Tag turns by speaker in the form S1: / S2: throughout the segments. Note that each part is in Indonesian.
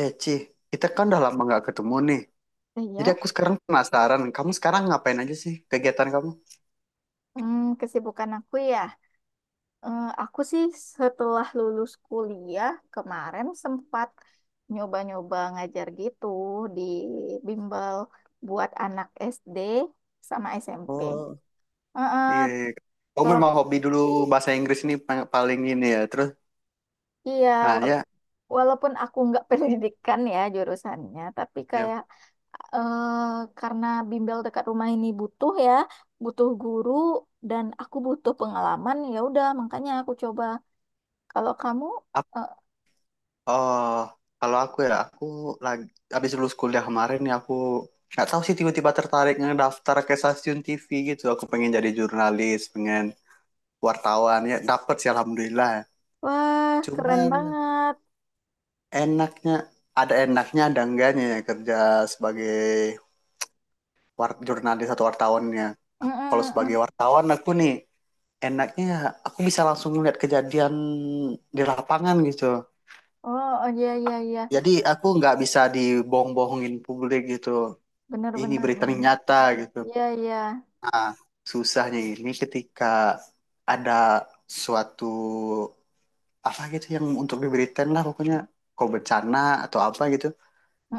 S1: Eh, Ci, kita kan udah lama nggak ketemu nih. Jadi
S2: Iya,
S1: aku sekarang penasaran, kamu sekarang ngapain aja sih kegiatan kamu?
S2: Hmm, Kesibukan aku ya. Aku sih setelah lulus kuliah kemarin sempat nyoba-nyoba ngajar gitu di bimbel buat anak SD sama SMP.
S1: Oh,
S2: Eh, eh,
S1: iya, iya. Kamu
S2: kalau
S1: memang hobi dulu bahasa Inggris ini paling ini ya. Terus,
S2: Iya,
S1: nah
S2: wal-
S1: ya,
S2: walaupun aku nggak pendidikan ya jurusannya, tapi
S1: ya.
S2: kayak eh karena bimbel dekat rumah ini butuh ya, butuh guru dan aku butuh pengalaman ya udah makanya aku coba. Kalau kamu.
S1: Ap- oh, kalau aku ya, aku lagi habis lulus kuliah kemarin, ya aku nggak tahu sih, tiba-tiba tertarik ngedaftar ke stasiun TV gitu. Aku pengen jadi jurnalis, pengen wartawan ya. Dapet sih, alhamdulillah.
S2: Wah, keren
S1: Cuman
S2: banget.
S1: enaknya enaknya ada enggaknya ya kerja sebagai jurnalis atau wartawannya. Kalau
S2: Mm-mm.
S1: sebagai
S2: Mm.
S1: wartawan aku nih enaknya aku bisa langsung lihat kejadian di lapangan gitu.
S2: Oh, oh, iya, iya, iya.
S1: Jadi aku nggak bisa dibohong-bohongin publik gitu.
S2: Benar,
S1: Ini
S2: benar,
S1: berita ini
S2: benar.
S1: nyata gitu.
S2: Iya, iya.
S1: Nah, susahnya ini ketika ada suatu apa gitu yang untuk diberitain lah pokoknya, kok bencana atau apa gitu,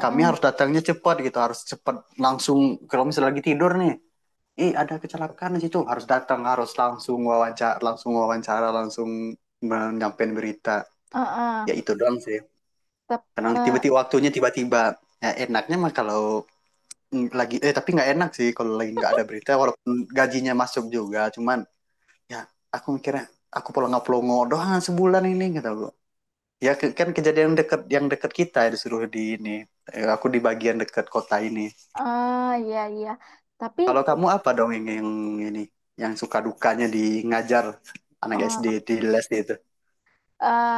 S1: kami harus datangnya cepat gitu, harus cepat langsung, kalau misalnya lagi tidur nih, ih ada kecelakaan di situ harus datang, harus langsung wawancara, langsung wawancara, langsung menyampaikan berita,
S2: Uh-uh.
S1: ya itu doang sih.
S2: Tap-
S1: Karena
S2: eh,
S1: tiba-tiba waktunya, tiba-tiba ya enaknya mah kalau lagi tapi nggak enak sih kalau lagi nggak ada berita, walaupun gajinya masuk juga, cuman ya aku mikirnya aku pelongo-pelongo doang sebulan ini gitu gua. Ya kan kejadian dekat, yang dekat kita ya disuruh di ini. Aku di bagian dekat kota ini.
S2: iya, iya. Tapi
S1: Kalau kamu apa dong, yang ini, yang suka dukanya di ngajar anak SD
S2: eh,
S1: di les itu?
S2: eh,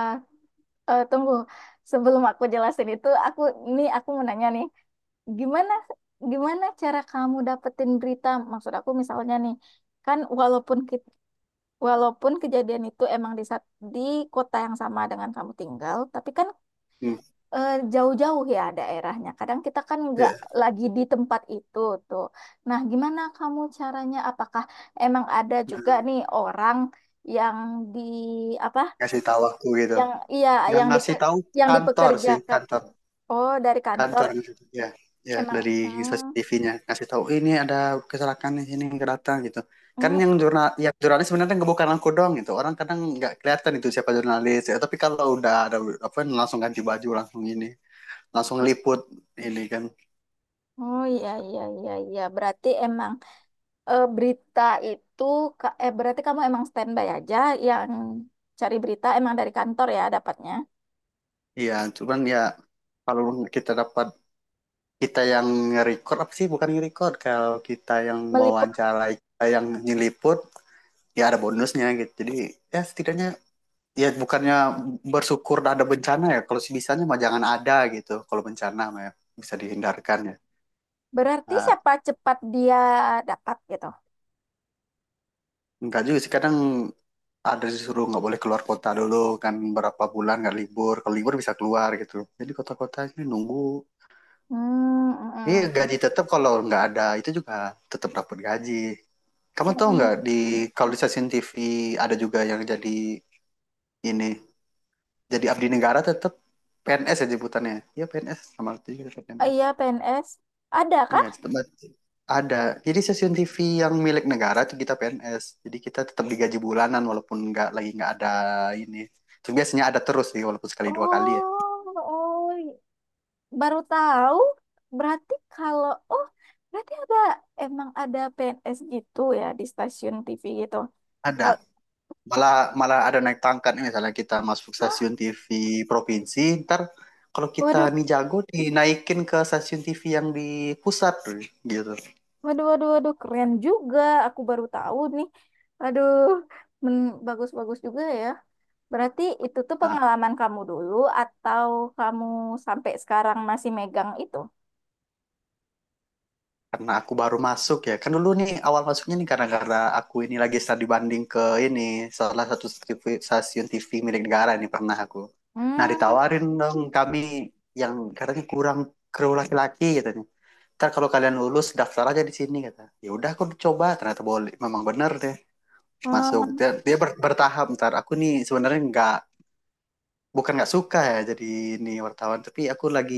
S2: tunggu. Sebelum aku jelasin itu, aku mau nanya nih. Gimana gimana cara kamu dapetin berita? Maksud aku misalnya nih, kan walaupun kejadian itu emang di kota yang sama dengan kamu tinggal, tapi kan
S1: Hmm,
S2: jauh-jauh ya daerahnya. Kadang kita kan nggak
S1: ya.
S2: lagi di tempat itu tuh. Nah, gimana kamu caranya? Apakah emang ada juga
S1: Nah,
S2: nih orang yang di apa?
S1: ngasih tahu aku gitu.
S2: Iya,
S1: Yang
S2: yang di
S1: ngasih tahu
S2: yang
S1: kantor sih,
S2: dipekerjakan.
S1: kantor,
S2: Oh, dari kantor
S1: kantor gitu. Ya, ya
S2: emang.
S1: dari stasiun
S2: Hmm.
S1: TV-nya ngasih tahu ini ada kecelakaan di sini, nggak datang gitu. Kan
S2: Hmm.
S1: yang yang jurnalis sebenarnya nggak, bukan aku doang gitu. Orang kadang nggak kelihatan itu siapa jurnalis. Ya, tapi kalau udah ada apa langsung ganti baju, langsung ini, langsung liput ini kan.
S2: Oh, iya, iya, iya, iya. Berarti emang, eh, berita itu ka- eh berarti kamu emang standby aja yang cari berita emang dari kantor ya dapatnya.
S1: Iya, cuman ya kalau kita dapat, kita yang nge-record apa sih, bukan nge-record, kalau kita yang
S2: Meliput.
S1: mewawancarai, kita yang nyeliput, ya ada bonusnya gitu, jadi ya setidaknya, ya bukannya bersyukur ada bencana ya, kalau sebisanya mah jangan ada gitu, kalau bencana mah ya, bisa dihindarkan ya.
S2: Berarti
S1: Nah,
S2: siapa cepat dia dapat gitu.
S1: enggak juga sih, kadang ada disuruh nggak boleh keluar kota dulu, kan berapa bulan nggak libur, kalau libur bisa keluar gitu, jadi kota-kotanya nunggu.
S2: Hmm, mm,
S1: Ini
S2: mm,
S1: gaji
S2: mm.
S1: tetap, kalau nggak ada itu juga tetap dapat gaji. Kamu
S2: Mm,
S1: tahu
S2: mm.
S1: nggak, kalau di stasiun TV ada juga yang jadi ini, jadi abdi negara tetap, PNS ya sebutannya. Ya PNS, sama itu juga tetap
S2: Oh,
S1: PNS.
S2: iya, PNS. Ada
S1: Iya
S2: kah?
S1: tetap ada. Jadi stasiun TV yang milik negara itu kita PNS. Jadi kita tetap digaji bulanan walaupun nggak lagi, nggak ada ini. Itu biasanya ada terus sih walaupun sekali dua kali ya.
S2: Oh, oh, baru tahu. Berarti kalau, oh, berarti ada, emang ada PNS gitu ya di stasiun TV gitu.
S1: Ada
S2: Kal-
S1: malah malah ada naik pangkat nih, misalnya kita masuk
S2: Hah?
S1: stasiun TV provinsi, ntar kalau kita
S2: Waduh,
S1: nih jago dinaikin ke stasiun TV yang di pusat gitu.
S2: waduh, waduh, waduh, keren juga. Aku baru tahu nih. Aduh, bagus-bagus juga ya. Berarti itu tuh
S1: Nah
S2: pengalaman kamu dulu atau kamu sampai sekarang masih megang itu?
S1: karena aku baru masuk ya kan, dulu nih awal masuknya nih, karena aku ini lagi studi banding ke ini, salah satu TV stasiun TV milik negara nih pernah aku. Nah
S2: Hmm.
S1: ditawarin dong kami yang katanya kurang kru laki-laki gitu nih, ntar kalau kalian lulus daftar aja di sini, kata. Ya udah aku coba, ternyata boleh, memang bener deh masuk.
S2: Oh,
S1: Dia Dia bertahap, ntar aku nih sebenarnya nggak, bukan nggak suka ya jadi ini wartawan, tapi aku lagi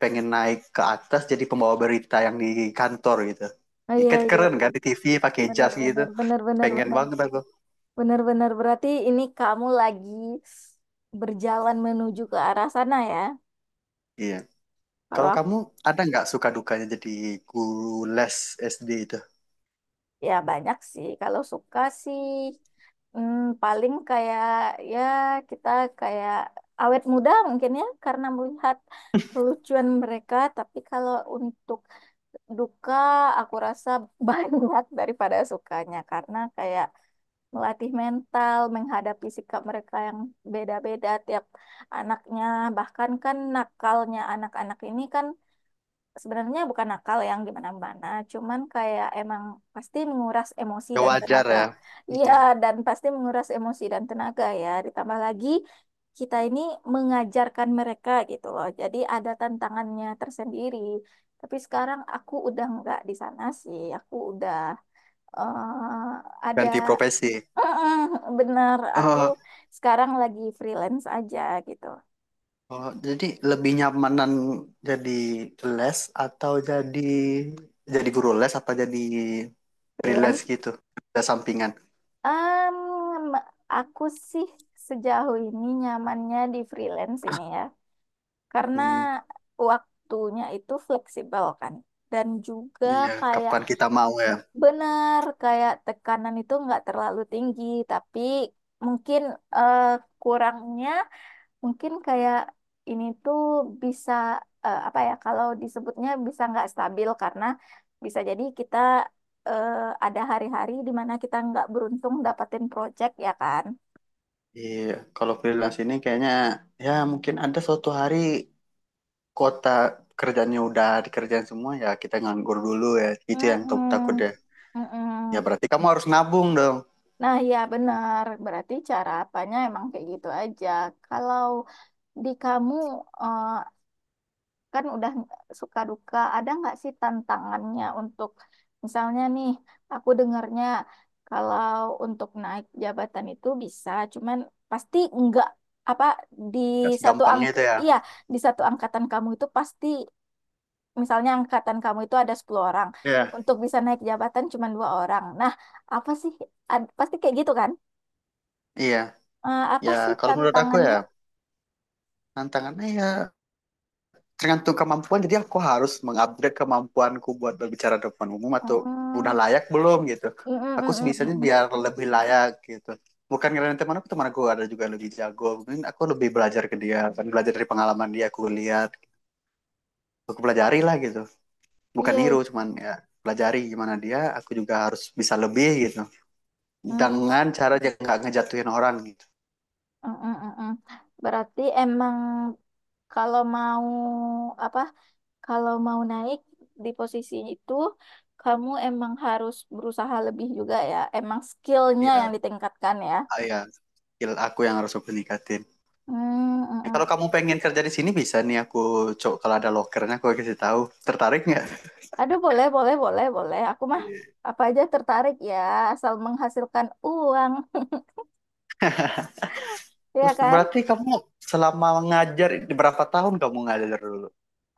S1: pengen naik ke atas jadi pembawa berita yang di kantor gitu,
S2: oh, iya,
S1: ikat
S2: iya,
S1: keren
S2: iya.
S1: kan di TV pakai
S2: Benar,
S1: jas gitu,
S2: benar, benar, benar,
S1: pengen
S2: benar.
S1: banget aku.
S2: Benar, benar. Berarti ini kamu lagi berjalan menuju ke arah sana ya.
S1: Iya, kalau
S2: Kalau
S1: kamu ada nggak suka dukanya jadi guru les SD itu?
S2: Ya, banyak sih. Kalau suka sih, paling kayak ya kita kayak awet muda mungkin ya karena melihat kelucuan mereka. Tapi kalau untuk duka aku rasa banyak daripada sukanya karena kayak melatih mental menghadapi sikap mereka yang beda-beda tiap anaknya. Bahkan kan nakalnya anak-anak ini kan sebenarnya bukan nakal yang gimana-mana, cuman kayak emang pasti menguras emosi
S1: Ya
S2: dan
S1: wajar
S2: tenaga.
S1: ya.
S2: Iya,
S1: Oke.
S2: dan pasti menguras emosi dan tenaga ya. Ditambah lagi kita ini mengajarkan mereka gitu loh. Jadi ada tantangannya tersendiri. Tapi sekarang aku udah nggak di sana sih. Aku udah eh, ada
S1: Ganti profesi.
S2: bener. Aku
S1: Oh.
S2: sekarang lagi freelance aja gitu.
S1: Oh, jadi lebih nyamanan, jadi les atau jadi guru les apa jadi freelance
S2: Freelance.
S1: gitu, ada sampingan.
S2: Em, aku sih sejauh ini nyamannya di freelance ini ya, karena
S1: Hmm,
S2: waktunya itu fleksibel kan, dan juga
S1: iya,
S2: kayak
S1: kapan kita mau ya?
S2: benar kayak tekanan itu nggak terlalu tinggi, tapi mungkin eh, kurangnya mungkin kayak ini tuh bisa apa ya kalau disebutnya bisa nggak stabil karena bisa jadi kita eh, ada hari-hari di mana kita nggak beruntung dapatin project ya kan.
S1: Iya, kalau freelance ini kayaknya ya mungkin ada suatu hari kota kerjanya udah dikerjain semua ya, kita nganggur dulu ya. Itu yang takut takut
S2: Mm-mm.
S1: ya. Ya
S2: Mm-mm.
S1: berarti kamu harus nabung dong.
S2: Nah, ya benar. Berarti cara apanya emang kayak gitu aja. Kalau di kamu eh, kan udah suka duka, ada nggak sih tantangannya untuk misalnya nih, aku dengarnya kalau untuk naik jabatan itu bisa, cuman pasti nggak apa, di
S1: Gak
S2: satu
S1: segampang
S2: angk
S1: itu ya.
S2: iya, di satu angkatan kamu itu pasti, misalnya angkatan kamu itu ada 10 orang,
S1: Iya.
S2: untuk bisa naik jabatan cuma dua orang. Nah, apa sih? Pasti kayak gitu kan?
S1: Iya. Ya
S2: Apa sih
S1: kalau menurut aku ya
S2: tantangannya?
S1: tantangannya ya tergantung kemampuan, jadi aku harus mengupgrade kemampuanku buat berbicara di depan umum, atau udah
S2: Hmm,
S1: layak belum gitu.
S2: mm,
S1: Aku
S2: mm, mm, mm,
S1: sebisanya
S2: mm, mm.
S1: biar lebih layak gitu, bukan karena teman aku, teman aku ada juga lebih jago, mungkin aku lebih belajar ke dia kan, belajar dari pengalaman dia, aku lihat, aku pelajari lah gitu,
S2: Iya,
S1: bukan niru,
S2: iya.
S1: cuman ya pelajari gimana dia, aku juga harus bisa lebih gitu,
S2: Mm,
S1: dengan cara yang nggak ngejatuhin orang gitu.
S2: mm, mm, mm, mm. Berarti emang kalau mau apa? Kalau mau naik di posisi itu, kamu emang harus berusaha lebih juga ya. Emang skillnya yang
S1: Iya.
S2: ditingkatkan ya.
S1: Ya skill aku yang harus aku ningkatin.
S2: Hmm, mm,
S1: Kalau
S2: mm.
S1: kamu pengen kerja di sini bisa nih, aku cok kalau ada lokernya aku kasih tahu. Tertarik nggak?
S2: Aduh, boleh, boleh, boleh, boleh. Aku mah apa aja tertarik ya, asal menghasilkan uang, ya
S1: Terus
S2: kan?
S1: berarti kamu selama ngajar ini berapa tahun kamu ngajar dulu?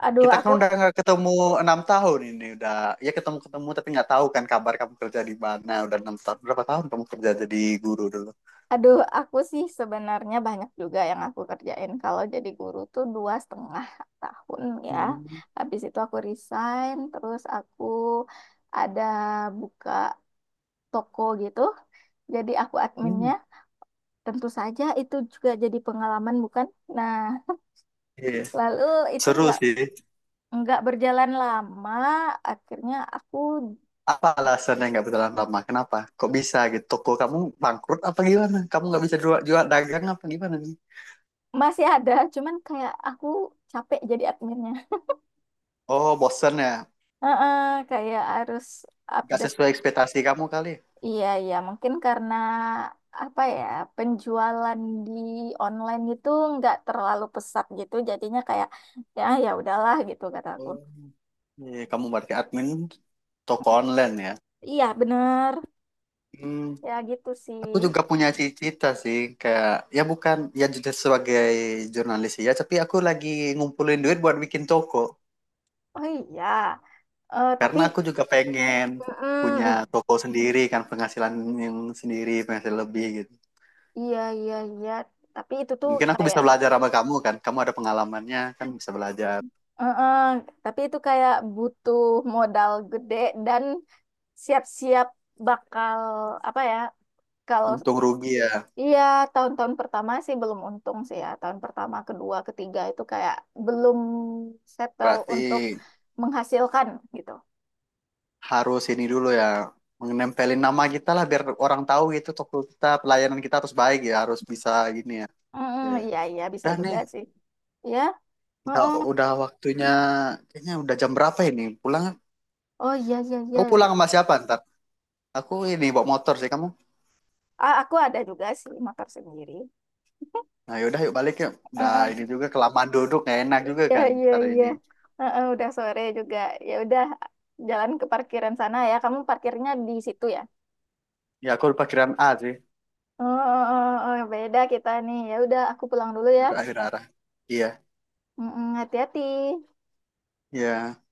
S2: Aduh,
S1: Kita kan
S2: aku,
S1: udah nggak ketemu 6 tahun ini, udah ya ketemu ketemu tapi nggak tahu kan kabar kamu kerja di mana, udah 6 tahun, berapa tahun kamu kerja jadi guru dulu?
S2: aduh, aku sih sebenarnya banyak juga yang aku kerjain. Kalau jadi guru tuh 2,5 tahun ya.
S1: Hmm.
S2: Habis itu aku resign, terus aku ada buka toko gitu. Jadi aku
S1: Hmm.
S2: adminnya. Tentu saja itu juga jadi pengalaman, bukan? Nah,
S1: Iya
S2: lalu itu
S1: seru
S2: nggak
S1: sih.
S2: nggak berjalan lama, akhirnya aku.
S1: Apa alasannya nggak bertahan lama? Kenapa? Kok bisa gitu? Toko kamu bangkrut apa gimana? Kamu nggak bisa jual dagang apa gimana nih?
S2: Masih ada, cuman kayak aku capek jadi adminnya.
S1: Oh bosen ya?
S2: Heeh, kayak harus
S1: Gak
S2: update.
S1: sesuai ekspektasi kamu kali.
S2: Iya, iya, mungkin karena apa ya, penjualan di online itu nggak terlalu pesat gitu, jadinya kayak ya udahlah gitu kata aku.
S1: Oh. Iya, kamu berarti admin toko online ya.
S2: Iya, bener.
S1: Hmm,
S2: Ya gitu sih.
S1: aku juga punya cita-cita sih, kayak ya bukan, ya juga sebagai jurnalis ya, tapi aku lagi ngumpulin duit buat bikin toko,
S2: Oh, iya. Tapi
S1: karena aku juga pengen punya
S2: mm
S1: toko sendiri kan, penghasilan yang sendiri, penghasilan lebih gitu.
S2: Iya, iya, iya. Tapi itu tuh
S1: Mungkin aku
S2: kayak,
S1: bisa belajar sama kamu kan, kamu ada pengalamannya kan, bisa belajar.
S2: eh, eh, tapi itu kayak butuh modal gede dan siap-siap bakal apa ya. Kalau
S1: Untung rugi ya,
S2: iya, tahun-tahun pertama sih belum untung sih ya, tahun pertama kedua ketiga itu kayak belum settle
S1: berarti
S2: untuk menghasilkan gitu.
S1: harus ini dulu ya, menempelin nama kita lah biar orang tahu gitu, toko kita pelayanan kita harus baik ya, harus bisa gini ya. Oke.
S2: Mm, iya, iya, bisa
S1: Udah nih,
S2: juga sih. Ya.
S1: udah
S2: Mm-mm.
S1: waktunya, kayaknya udah jam berapa ini, pulang.
S2: Oh, iya, iya, iya.
S1: Kau pulang sama siapa ntar? Aku ini bawa motor sih, kamu?
S2: Aku ada juga sih motor sendiri.
S1: Nah yaudah yuk balik yuk. Nah ini
S2: Mm-mm.
S1: juga kelamaan duduk nggak enak juga
S2: Iya,
S1: kan
S2: iya,
S1: ntar
S2: iya.
S1: ini.
S2: Mm-mm, udah sore juga. Ya udah, jalan ke parkiran sana ya, kamu parkirnya di situ ya.
S1: Ya aku udah pikiran A sih.
S2: Oh, oh, oh, oh, beda kita nih. Ya udah, aku pulang dulu ya.
S1: Udah akhir arah. Iya,
S2: Mm-mm, hati-hati.
S1: iya.